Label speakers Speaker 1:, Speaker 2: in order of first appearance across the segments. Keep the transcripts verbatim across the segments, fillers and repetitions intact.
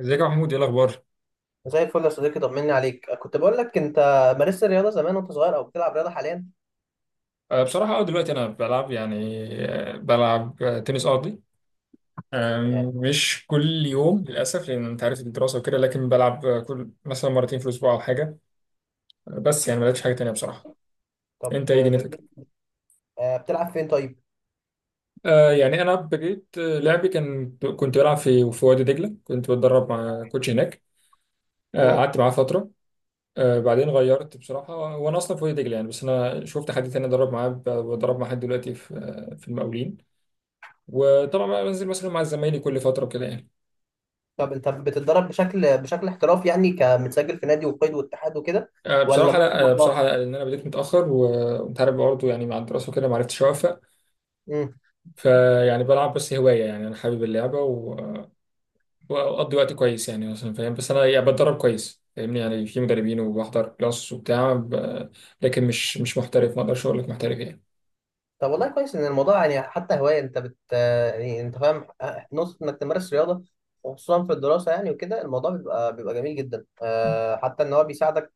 Speaker 1: ازيك يا محمود؟ ايه الاخبار؟
Speaker 2: زي الفل يا صديقي، طمني عليك. كنت بقول لك، انت مارست الرياضه زمان وانت صغير، او بتلعب رياضه حاليا؟
Speaker 1: أه بصراحه اه دلوقتي انا بلعب يعني آه، بلعب آه، تنس ارضي. آم،
Speaker 2: يعني.
Speaker 1: مش كل يوم للاسف، لان انت عارف الدراسه وكده. لكن بلعب، آه، كل مثلا مرتين في الاسبوع او حاجه. آه، بس يعني ما لعبتش حاجه تانيه بصراحه.
Speaker 2: طب،
Speaker 1: انت ايه
Speaker 2: ده
Speaker 1: دنيتك؟
Speaker 2: جميل. آه، بتلعب فين طيب؟
Speaker 1: أه يعني انا بديت، آه، لعبي كان كنت بلعب في في وادي دجله، كنت بتدرب مع كوتش هناك. آه،
Speaker 2: مم.
Speaker 1: قعدت معاه فتره. آه، بعدين غيرت بصراحه، وانا اصلا في وادي دجله يعني، بس انا شفت حد تاني ادرب معاه، ب- بدرب مع حد دلوقتي في آه، في المقاولين. وطبعا بقى بنزل مثلا مع زمايلي كل فتره كده يعني.
Speaker 2: طب انت بتتدرب بشكل بشكل احترافي، يعني كمتسجل في نادي وقيد واتحاد وكده؟
Speaker 1: آه،
Speaker 2: ولا
Speaker 1: بصراحه
Speaker 2: بس
Speaker 1: لا، آه،
Speaker 2: الموضوع؟
Speaker 1: بصراحه لا، لان انا بديت متاخر و- وانت عارف برضه يعني، مع الدراسه وكده، ما عرفتش اوفق. فيعني بلعب بس هوايه يعني، انا حابب اللعبه و- واقضي وقت كويس يعني، مثلا فاهم، بس انا يعني بتدرب كويس، فاهمني يعني، في مدربين وبحضر كلاس وبتاع ب- لكن مش مش محترف، ما اقدرش اقول لك محترف يعني.
Speaker 2: طب والله كويس ان الموضوع، يعني حتى هوايه، انت بت يعني انت فاهم، نقطه انك تمارس رياضه، وخصوصا في الدراسه يعني، وكده الموضوع بيبقى بيبقى جميل جدا. آه، حتى ان هو بيساعدك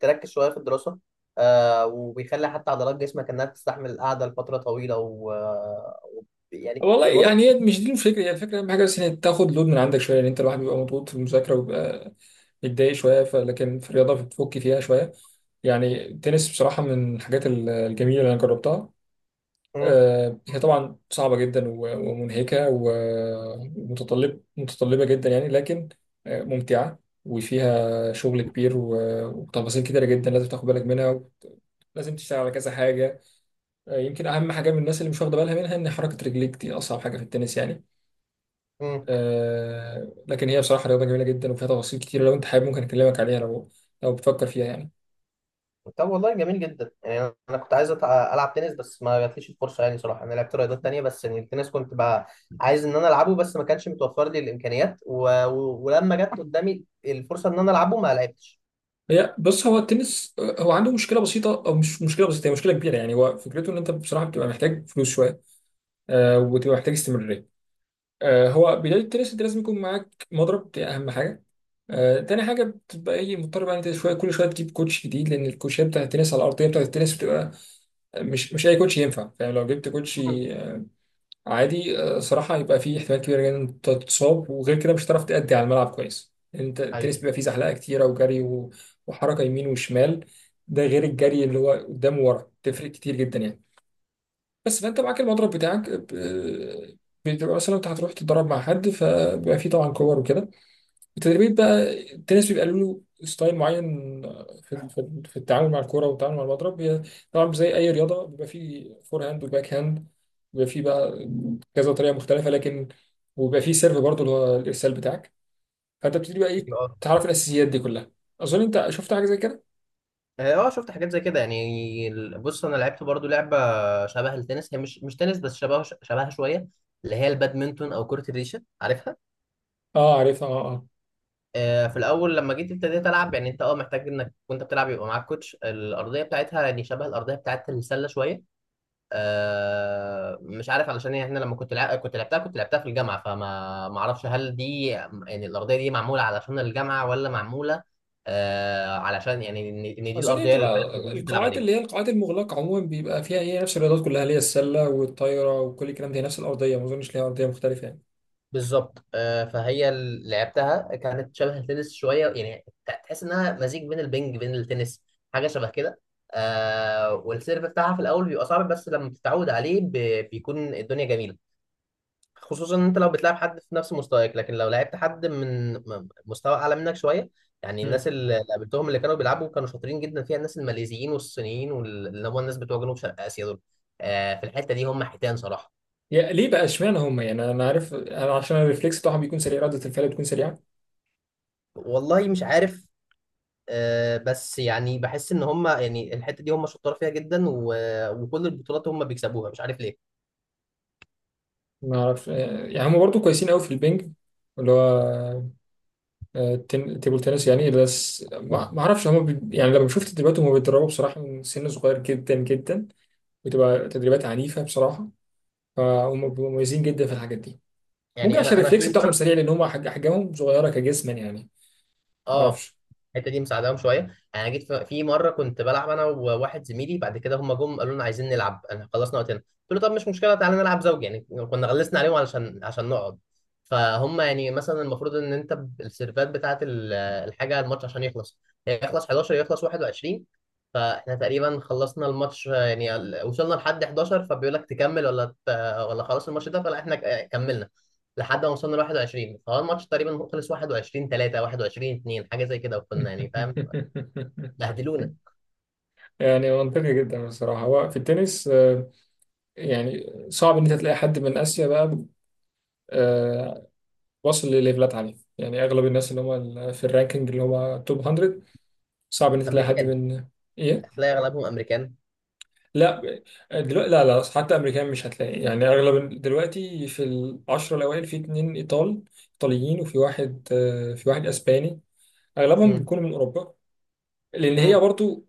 Speaker 2: تركز شويه في الدراسه، آه، وبيخلي حتى عضلات جسمك انها تستحمل القعده لفتره طويله، و آه، وب- يعني
Speaker 1: والله
Speaker 2: الموضوع.
Speaker 1: يعني، هي مش دي الفكره، هي الفكره اهم حاجه، بس ان تاخد لود من عندك شويه، ان انت الواحد بيبقى مضغوط في المذاكره وبيبقى بتضايق شويه، ف- لكن في الرياضه بتفك فيها شويه. يعني التنس بصراحه من الحاجات ال- الجميله اللي انا جربتها.
Speaker 2: مم،
Speaker 1: آه، هي طبعا صعبه جدا و- ومنهكه و- ومتطلب متطلبه جدا يعني، لكن آه، ممتعه. وفيها شغل كبير و- وتفاصيل كتيره جدا، لازم تاخد بالك منها، لازم تشتغل على كذا حاجه. آه، يمكن اهم حاجه من الناس اللي مش واخده بالها منها، ان حركه رجليك دي اصعب حاجه في التنس يعني.
Speaker 2: مم.
Speaker 1: آه، لكن هي بصراحه رياضه جميله جدا وفيها تفاصيل كتيره، لو انت حابب ممكن اكلمك عليها، لو لو بتفكر فيها يعني.
Speaker 2: طب والله جميل جدا، يعني انا كنت عايز أتع- العب تنس، بس ما جاتليش الفرصه. يعني صراحه انا لعبت رياضات تانية، بس يعني التنس كنت بقى عايز ان انا العبه، بس ما كانش متوفر لي الامكانيات، و... و... ولما جت قدامي الفرصه ان انا العبه ما لعبتش.
Speaker 1: هي بص، هو التنس، آه، هو عنده مشكله بسيطه، او مش مشكله بسيطه، هي مشكله كبيره يعني. هو فكرته ان انت بصراحه بتبقى محتاج فلوس شويه. آه وبتبقى محتاج استمراريه. آه هو بدايه التنس، انت لازم يكون معاك مضرب، دي اهم حاجه. آه تاني حاجه بتبقى ايه، مضطر بقى إن انت شويه كل شويه تجيب كوتش جديد، لان الكوتشات بتاعت التنس على الارضيه بتاعت التنس بتبقى مش مش اي كوتش ينفع، فاهم. لو جبت كوتش
Speaker 2: مم.
Speaker 1: عادي، آه، صراحة يبقى فيه احتمال كبير جدا إن أنت تتصاب، وغير كده مش هتعرف تأدي على الملعب كويس يعني. انت التنس
Speaker 2: ايوه.
Speaker 1: بيبقى فيه زحلقة كتيرة وجري و- وحركة يمين وشمال، ده غير الجري اللي هو قدام وورا، تفرق كتير جدا يعني. بس فانت معاك المضرب بتاعك، آه، بتبقى مثلا انت هتروح تتدرب مع حد، فبيبقى فيه طبعا كور وكده. التدريبات بقى، التنس بيبقى له ستايل معين في في في التعامل مع الكرة والتعامل مع المضرب. هي طبعا زي أي رياضة بيبقى فيه فور هاند وباك هاند، بيبقى فيه بقى كذا طريقة مختلفة. لكن وبيبقى فيه سيرف برضه، اللي هو الإرسال بتاعك. فأنت بتبتدي بقى إيه،
Speaker 2: اه.
Speaker 1: تعرف الأساسيات دي كلها. أظن أنت شفت حاجة زي كده؟
Speaker 2: اه شفت حاجات زي كده. يعني ال- بص، انا لعبت برضو لعبه شبه التنس، هي مش مش تنس بس شبه شبهها شويه، اللي هي البادمنتون او كره الريشه، عارفها.
Speaker 1: أه، عارفها. أه، أه.
Speaker 2: آه، في الاول لما جيت ابتديت العب، يعني انت اه محتاج انك وانت بتلعب يبقى معاك كوتش. الارضيه بتاعتها يعني شبه الارضيه بتاعت السله شويه. آه، مش عارف، علشان يعني احنا لما كنت لع... كنت لعبتها كنت لعبتها في الجامعه، فما ما اعرفش هل دي يعني الارضيه دي معموله علشان الجامعه، ولا معموله آه، علشان يعني ان إن دي
Speaker 1: أظن هي
Speaker 2: الارضيه اللي
Speaker 1: بتبقى
Speaker 2: فعلا الناس بتلعب
Speaker 1: القاعات،
Speaker 2: عليها.
Speaker 1: اللي هي القاعات المغلقة عموما بيبقى فيها هي نفس الرياضات كلها، اللي هي السلة والطايرة وكل الكلام ده، هي نفس الأرضية، ما أظنش ليها أرضية مختلفة.
Speaker 2: بالظبط. آه، فهي ال- لعبتها كانت شبه التنس شويه، يعني ت- تحس انها مزيج بين البنج بين التنس، حاجه شبه كده. آه والسيرف بتاعها في الاول بيبقى صعب، بس لما بتتعود عليه ب- بيكون الدنيا جميله، خصوصا ان انت لو بتلعب حد في نفس مستواك، لكن لو لعبت حد من م- مستوى اعلى منك شويه، يعني
Speaker 1: يعني،
Speaker 2: الناس اللي قابلتهم اللي كانوا بيلعبوا كانوا شاطرين جدا فيها. الناس الماليزيين والصينيين، واللي هم الناس بتوع جنوب شرق اسيا دول، آه في الحته دي هم حيتان صراحه.
Speaker 1: يا ليه بقى اشمعنى هم يعني؟ انا عارف، انا عشان الريفلكس بتاعهم بيكون سريع، رده الفعل بتكون سريعه.
Speaker 2: والله مش عارف. آه، بس يعني بحس ان هم، يعني الحته دي هم شطار فيها جدا، و- وكل البطولات هم بيكسبوها. مش عارف ليه.
Speaker 1: ما اعرف يعني، هم برضو كويسين قوي في البنج، اللي هو آه، تن- تيبل تنس يعني. بس
Speaker 2: آه.
Speaker 1: ما ما اعرفش هم بي... يعني، لما شفت تدريباتهم، هم بيتدربوا بصراحه من سن صغير جدا جدا. بتبقى تدريبات عنيفه بصراحه. فهم بيبقوا مميزين جدا في الحاجات دي. ممكن
Speaker 2: يعني
Speaker 1: عشان
Speaker 2: انا انا في
Speaker 1: الريفلكس بتاعهم
Speaker 2: مره.
Speaker 1: سريع، لان هم حج- احجامهم صغيره كجسما يعني. ما
Speaker 2: اه
Speaker 1: اعرفش.
Speaker 2: الحته دي مساعداهم شويه يعني. أنا جيت في في مره كنت بلعب انا وواحد زميلي، بعد كده هم جم قالوا لنا عايزين نلعب. انا خلصنا وقتنا، قلت له طب مش مشكله، تعالى نلعب زوجي يعني. كنا غلسنا عليهم علشان عشان نقعد. فهم يعني مثلا المفروض ان انت ب- السيرفات بتاعه ال- الحاجه، الماتش عشان يخلص، يخلص احد عشر، يخلص واحد وعشرين. فاحنا تقريبا خلصنا الماتش، يعني ال- وصلنا لحد احد عشر. فبيقول لك تكمل ولا ت- ولا خلاص الماتش ده؟ فلا احنا ك- كملنا لحد ما وصلنا ل واحد وعشرين، فهو الماتش تقريبا خلص واحد وعشرين تلاته، واحد وعشرين اثنين، حاجه زي كده، وكنا يعني فاهم، بهدلونا.
Speaker 1: يعني منطقي جدا بصراحه، هو في التنس آه، يعني صعب ان انت تلاقي حد من اسيا بقى آه، واصل لليفلات عاليه يعني، اغلب الناس اللي هم ال- في الرانكينج، اللي هم توب ميه، صعب ان انت تلاقي حد
Speaker 2: امريكان.
Speaker 1: من ايه.
Speaker 2: هتلاقي اغلبهم امريكان.
Speaker 1: لا، دلوقتي لا، لا حتى امريكان مش هتلاقي يعني، اغلب ال- دلوقتي في العشرة الاوائل في اتنين ايطال ايطاليين، وفي واحد، آه، في واحد اسباني، اغلبهم
Speaker 2: امم،
Speaker 1: بيكونوا من اوروبا. لان هي
Speaker 2: امم،
Speaker 1: برضو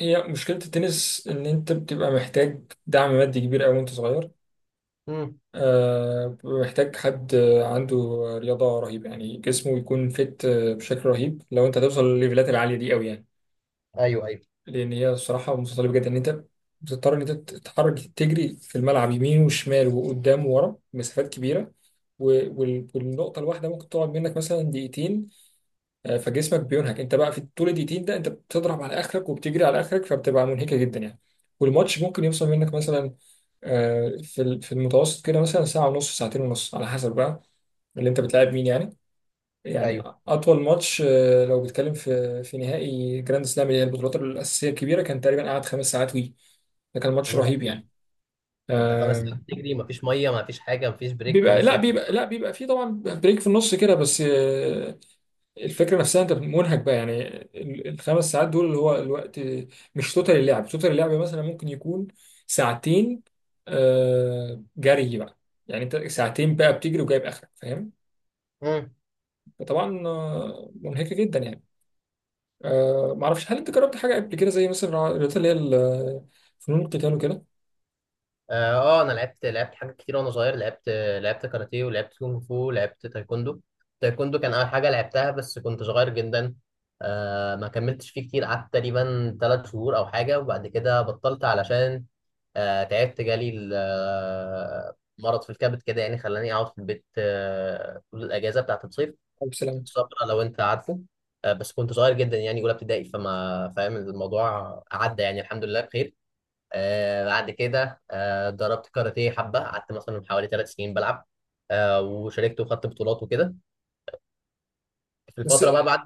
Speaker 1: هي مشكله التنس، ان انت بتبقى محتاج دعم مادي كبير قوي وانت صغير.
Speaker 2: امم.
Speaker 1: آه، محتاج حد عنده رياضة رهيبة يعني، جسمه يكون فت بشكل رهيب لو انت توصل للليفلات العالية دي قوي يعني.
Speaker 2: ايوه، ايوه،
Speaker 1: لأن هي الصراحة متطلبة جدا، إن أنت بتضطر إن أنت تتحرك، تجري في الملعب يمين وشمال وقدام وورا مسافات كبيرة، و- وال- والنقطة الواحدة ممكن تقعد منك مثلا دقيقتين. آه، فجسمك بينهك، أنت بقى في طول الدقيقتين ده أنت بتضرب على آخرك وبتجري على آخرك، فبتبقى منهكة جدا يعني. والماتش ممكن يوصل منك مثلا، آه، في ال- في المتوسط كده مثلا ساعة ونص، ساعتين ونص، على حسب بقى اللي انت بتلعب مين يعني. يعني
Speaker 2: ايوه.
Speaker 1: اطول ماتش، آه، لو بتكلم في في نهائي جراند سلام، اللي هي البطولات الاساسيه الكبيره، كان تقريبا قعد خمس ساعات وي، ده كان ماتش
Speaker 2: يا
Speaker 1: رهيب
Speaker 2: لهوي!
Speaker 1: يعني.
Speaker 2: انت خمس
Speaker 1: آم،
Speaker 2: ساعات بتجري؟ مفيش ميه؟ مفيش حاجه؟ مفيش بريك في
Speaker 1: بيبقى
Speaker 2: النص؟
Speaker 1: لا بيبقى لا بيبقى فيه طبعا بريك في النص كده، بس آه، الفكره نفسها انت منهك بقى يعني. ال- الخمس ساعات دول اللي هو الوقت، مش توتال اللعب. توتال اللعب مثلا ممكن يكون ساعتين آه، جري بقى، يعني انت ساعتين بقى بتجري وجايب اخرك، فاهم.
Speaker 2: اكل.
Speaker 1: فطبعا آه، منهكه جدا يعني. أه ما اعرفش، هل انت جربت حاجه قبل كده زي مثلا الرياضات اللي هي ال- فنون القتال وكده؟
Speaker 2: اه. آه، انا لعبت لعبت حاجات كتير وانا صغير. لعبت لعبت كاراتيه، ولعبت كونغ فو، ولعبت تايكوندو. تايكوندو كان اول حاجه لعبتها، بس كنت صغير جدا. آه ما كملتش فيه كتير، قعدت تقريبا ثلاث شهور او حاجه، وبعد كده بطلت. علشان آه تعبت، جالي ال- آه، مرض في الكبد كده، يعني خلاني اقعد في البيت آه طول الاجازه بتاعت الصيف.
Speaker 1: او السلامه.
Speaker 2: الصبر، لو انت عارفه. آه بس كنت صغير جدا، يعني اولى ابتدائي، فما فاهم. الموضوع عدى يعني، الحمد لله بخير. آه بعد كده آه ضربت كاراتيه حبة، قعدت مثلا حوالي ثلاث سنين بلعب. آه وشاركت وخدت بطولات وكده في
Speaker 1: بس
Speaker 2: الفترة بقى بعد.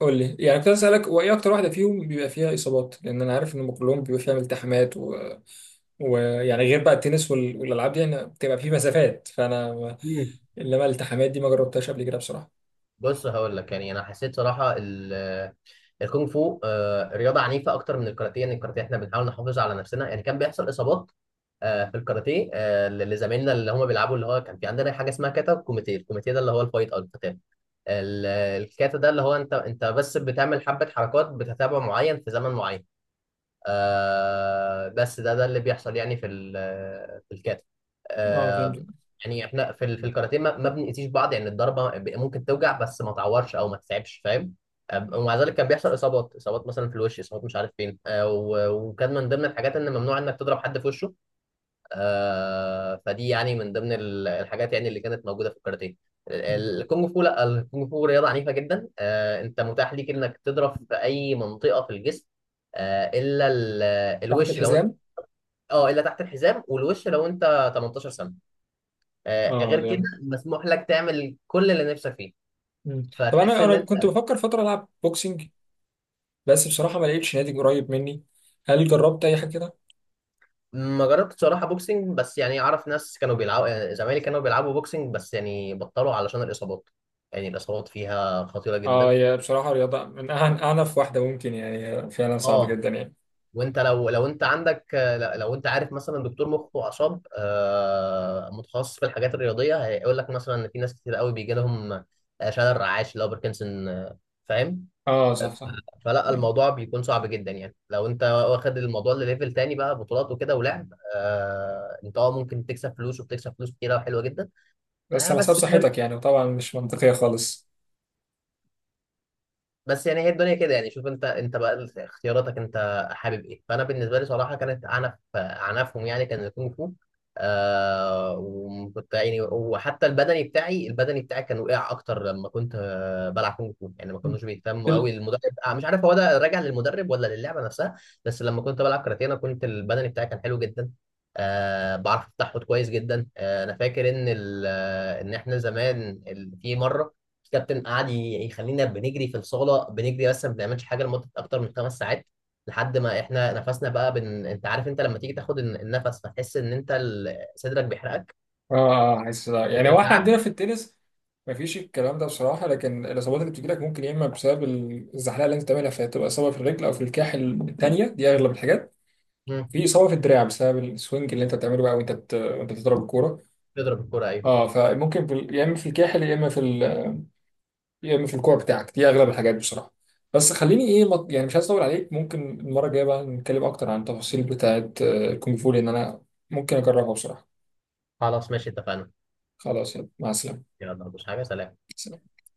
Speaker 1: قول لي يعني، كنت عايز اسالك، هو ايه اكتر واحده فيهم بيبقى فيها اصابات؟ لان انا عارف ان هم كلهم بيبقى فيها التحامات و... ويعني غير بقى التنس وال... والالعاب دي، يعني بتبقى فيه مسافات، فانا ما-
Speaker 2: مم.
Speaker 1: انما الالتحامات دي ما جربتهاش قبل كده بصراحه.
Speaker 2: بص هقول لك، يعني انا حسيت صراحة ال- الكونغ فو آه رياضة عنيفة اكتر من الكاراتيه. يعني الكاراتيه احنا بنحاول نحافظ على نفسنا، يعني كان بيحصل اصابات. آه في الكاراتيه، آه لزمايلنا اللي هم بيلعبوا، اللي هو كان في عندنا حاجة اسمها كاتا وكوميتيه. الكوميتيه ده اللي هو الفايت او القتال. ال- الكاتا ده اللي هو انت انت بس بتعمل حبة حركات، بتتابع معين في زمن معين. آه بس ده ده اللي بيحصل، يعني في ال- في الكاتا.
Speaker 1: اه، فهمت.
Speaker 2: آه يعني احنا في ال- في الكاراتيه ما ما بنأذيش بعض، يعني الضربه ب- ممكن توجع، بس ما تعورش او ما تتعبش، فاهم. آه، ومع ذلك كان بيحصل اصابات، اصابات مثلا في الوش، اصابات مش عارف فين، آه و- وكان من ضمن الحاجات ان ممنوع انك تضرب حد في وشه. آه فدي يعني من ضمن ال- الحاجات، يعني اللي كانت موجوده في الكاراتيه.
Speaker 1: مم.
Speaker 2: ال- الكونج فو، لا، الكونج فو رياضه عنيفه جدا. آه انت متاح ليك انك تضرب في اي منطقه في الجسم، آه الا ال-
Speaker 1: تحت
Speaker 2: الوش، لو انت،
Speaker 1: الحزام.
Speaker 2: اه، الا تحت الحزام. والوش لو انت ثمانية عشر سنه. آه
Speaker 1: اه،
Speaker 2: غير كده
Speaker 1: ده
Speaker 2: مسموح لك تعمل كل اللي نفسك فيه.
Speaker 1: مم. طب،
Speaker 2: فتحس
Speaker 1: انا
Speaker 2: ان
Speaker 1: انا كنت
Speaker 2: انت،
Speaker 1: بفكر فتره العب بوكسنج، بس بصراحه ما لقيتش نادي قريب مني. هل جربت اي حاجه كده؟
Speaker 2: ما جربتش صراحه بوكسنج، بس يعني اعرف ناس كانوا بيلعبوا، يعني زمايلي كانوا بيلعبوا بوكسنج، بس يعني بطلوا علشان الاصابات. يعني الاصابات فيها خطيره
Speaker 1: اه،
Speaker 2: جدا.
Speaker 1: هي بصراحة رياضة من أعن- أعنف واحدة ممكن يعني، هي فعلا صعبة
Speaker 2: اه.
Speaker 1: جدا يعني.
Speaker 2: وانت لو لو انت عندك، لو انت عارف مثلا دكتور مخ واعصاب آه، متخصص في الحاجات الرياضيه، هيقول لك مثلا ان في ناس كتير قوي بيجي لهم آه، شلل رعاش، اللي هو باركنسون، آه، فاهم.
Speaker 1: اه، صح صح.
Speaker 2: ف- فلا الموضوع بيكون صعب جدا، يعني لو انت واخد الموضوع لليفل تاني بقى، بطولات وكده ولعب، آه، انت اه ممكن تكسب فلوس، وبتكسب فلوس كتيره وحلوه جدا.
Speaker 1: بس
Speaker 2: آه،
Speaker 1: على حسب
Speaker 2: بس
Speaker 1: صحتك يعني، وطبعا مش منطقية خالص.
Speaker 2: بس يعني هي الدنيا كده. يعني شوف انت انت بقى اختياراتك، انت حابب ايه. فانا بالنسبه لي صراحه كانت عنف عنفهم يعني. كان الكونغ فو آه وكنت يعني، وحتى البدني بتاعي البدني بتاعي كان وقع اكتر لما كنت آه، بلعب كونغ فو. يعني ما
Speaker 1: م.
Speaker 2: كانوش بيهتموا
Speaker 1: ال-
Speaker 2: قوي المدرب. آه مش عارف هو ده راجع للمدرب ولا للعبه نفسها. بس لما كنت بلعب كاراتيه، انا كنت البدني بتاعي كان حلو جدا. آه بعرف التحوط كويس جدا. آه انا فاكر ان ال- آه، ان احنا زمان ال- في مره الكابتن قعد ي- يخلينا بنجري في الصاله، بنجري بس ما بنعملش حاجه لمده اكتر من خمس ساعات، لحد ما احنا نفسنا بقى بن... انت عارف انت لما تيجي تاخد الن- النفس، فتحس ان انت ال- صدرك بيحرقك،
Speaker 1: اه، اه، حاسس لا. يعني
Speaker 2: فكره
Speaker 1: هو احنا
Speaker 2: تعب.
Speaker 1: عندنا في التنس مفيش الكلام ده بصراحة، لكن الإصابات اللي بتجيلك ممكن يا إما بسبب ال- الزحلقة اللي أنت بتعملها، فتبقى إصابة في الرجل أو في الكاحل، التانية دي أغلب الحاجات،
Speaker 2: مم.
Speaker 1: في إصابة في الدراع بسبب السوينج اللي أنت بتعمله بقى، وأنت بت... وأنت بتضرب الكورة.
Speaker 2: تضرب الكوره، ايوه.
Speaker 1: اه، فممكن في... ال- يا إما في الكاحل يا إما في، يا اما في الكوره بتاعك، دي اغلب الحاجات بصراحه. بس خليني ايه، ما- يعني مش عايز اطول عليك، ممكن المره الجايه بقى نتكلم اكتر عن التفاصيل بتاعه آه، الكونغ فو، لان انا ممكن اجربها بصراحه.
Speaker 2: خلاص ماشي، اتفقنا.
Speaker 1: خلاص، يلا مع السلامه.
Speaker 2: يلا، مش حاجه، سلام.
Speaker 1: سلام.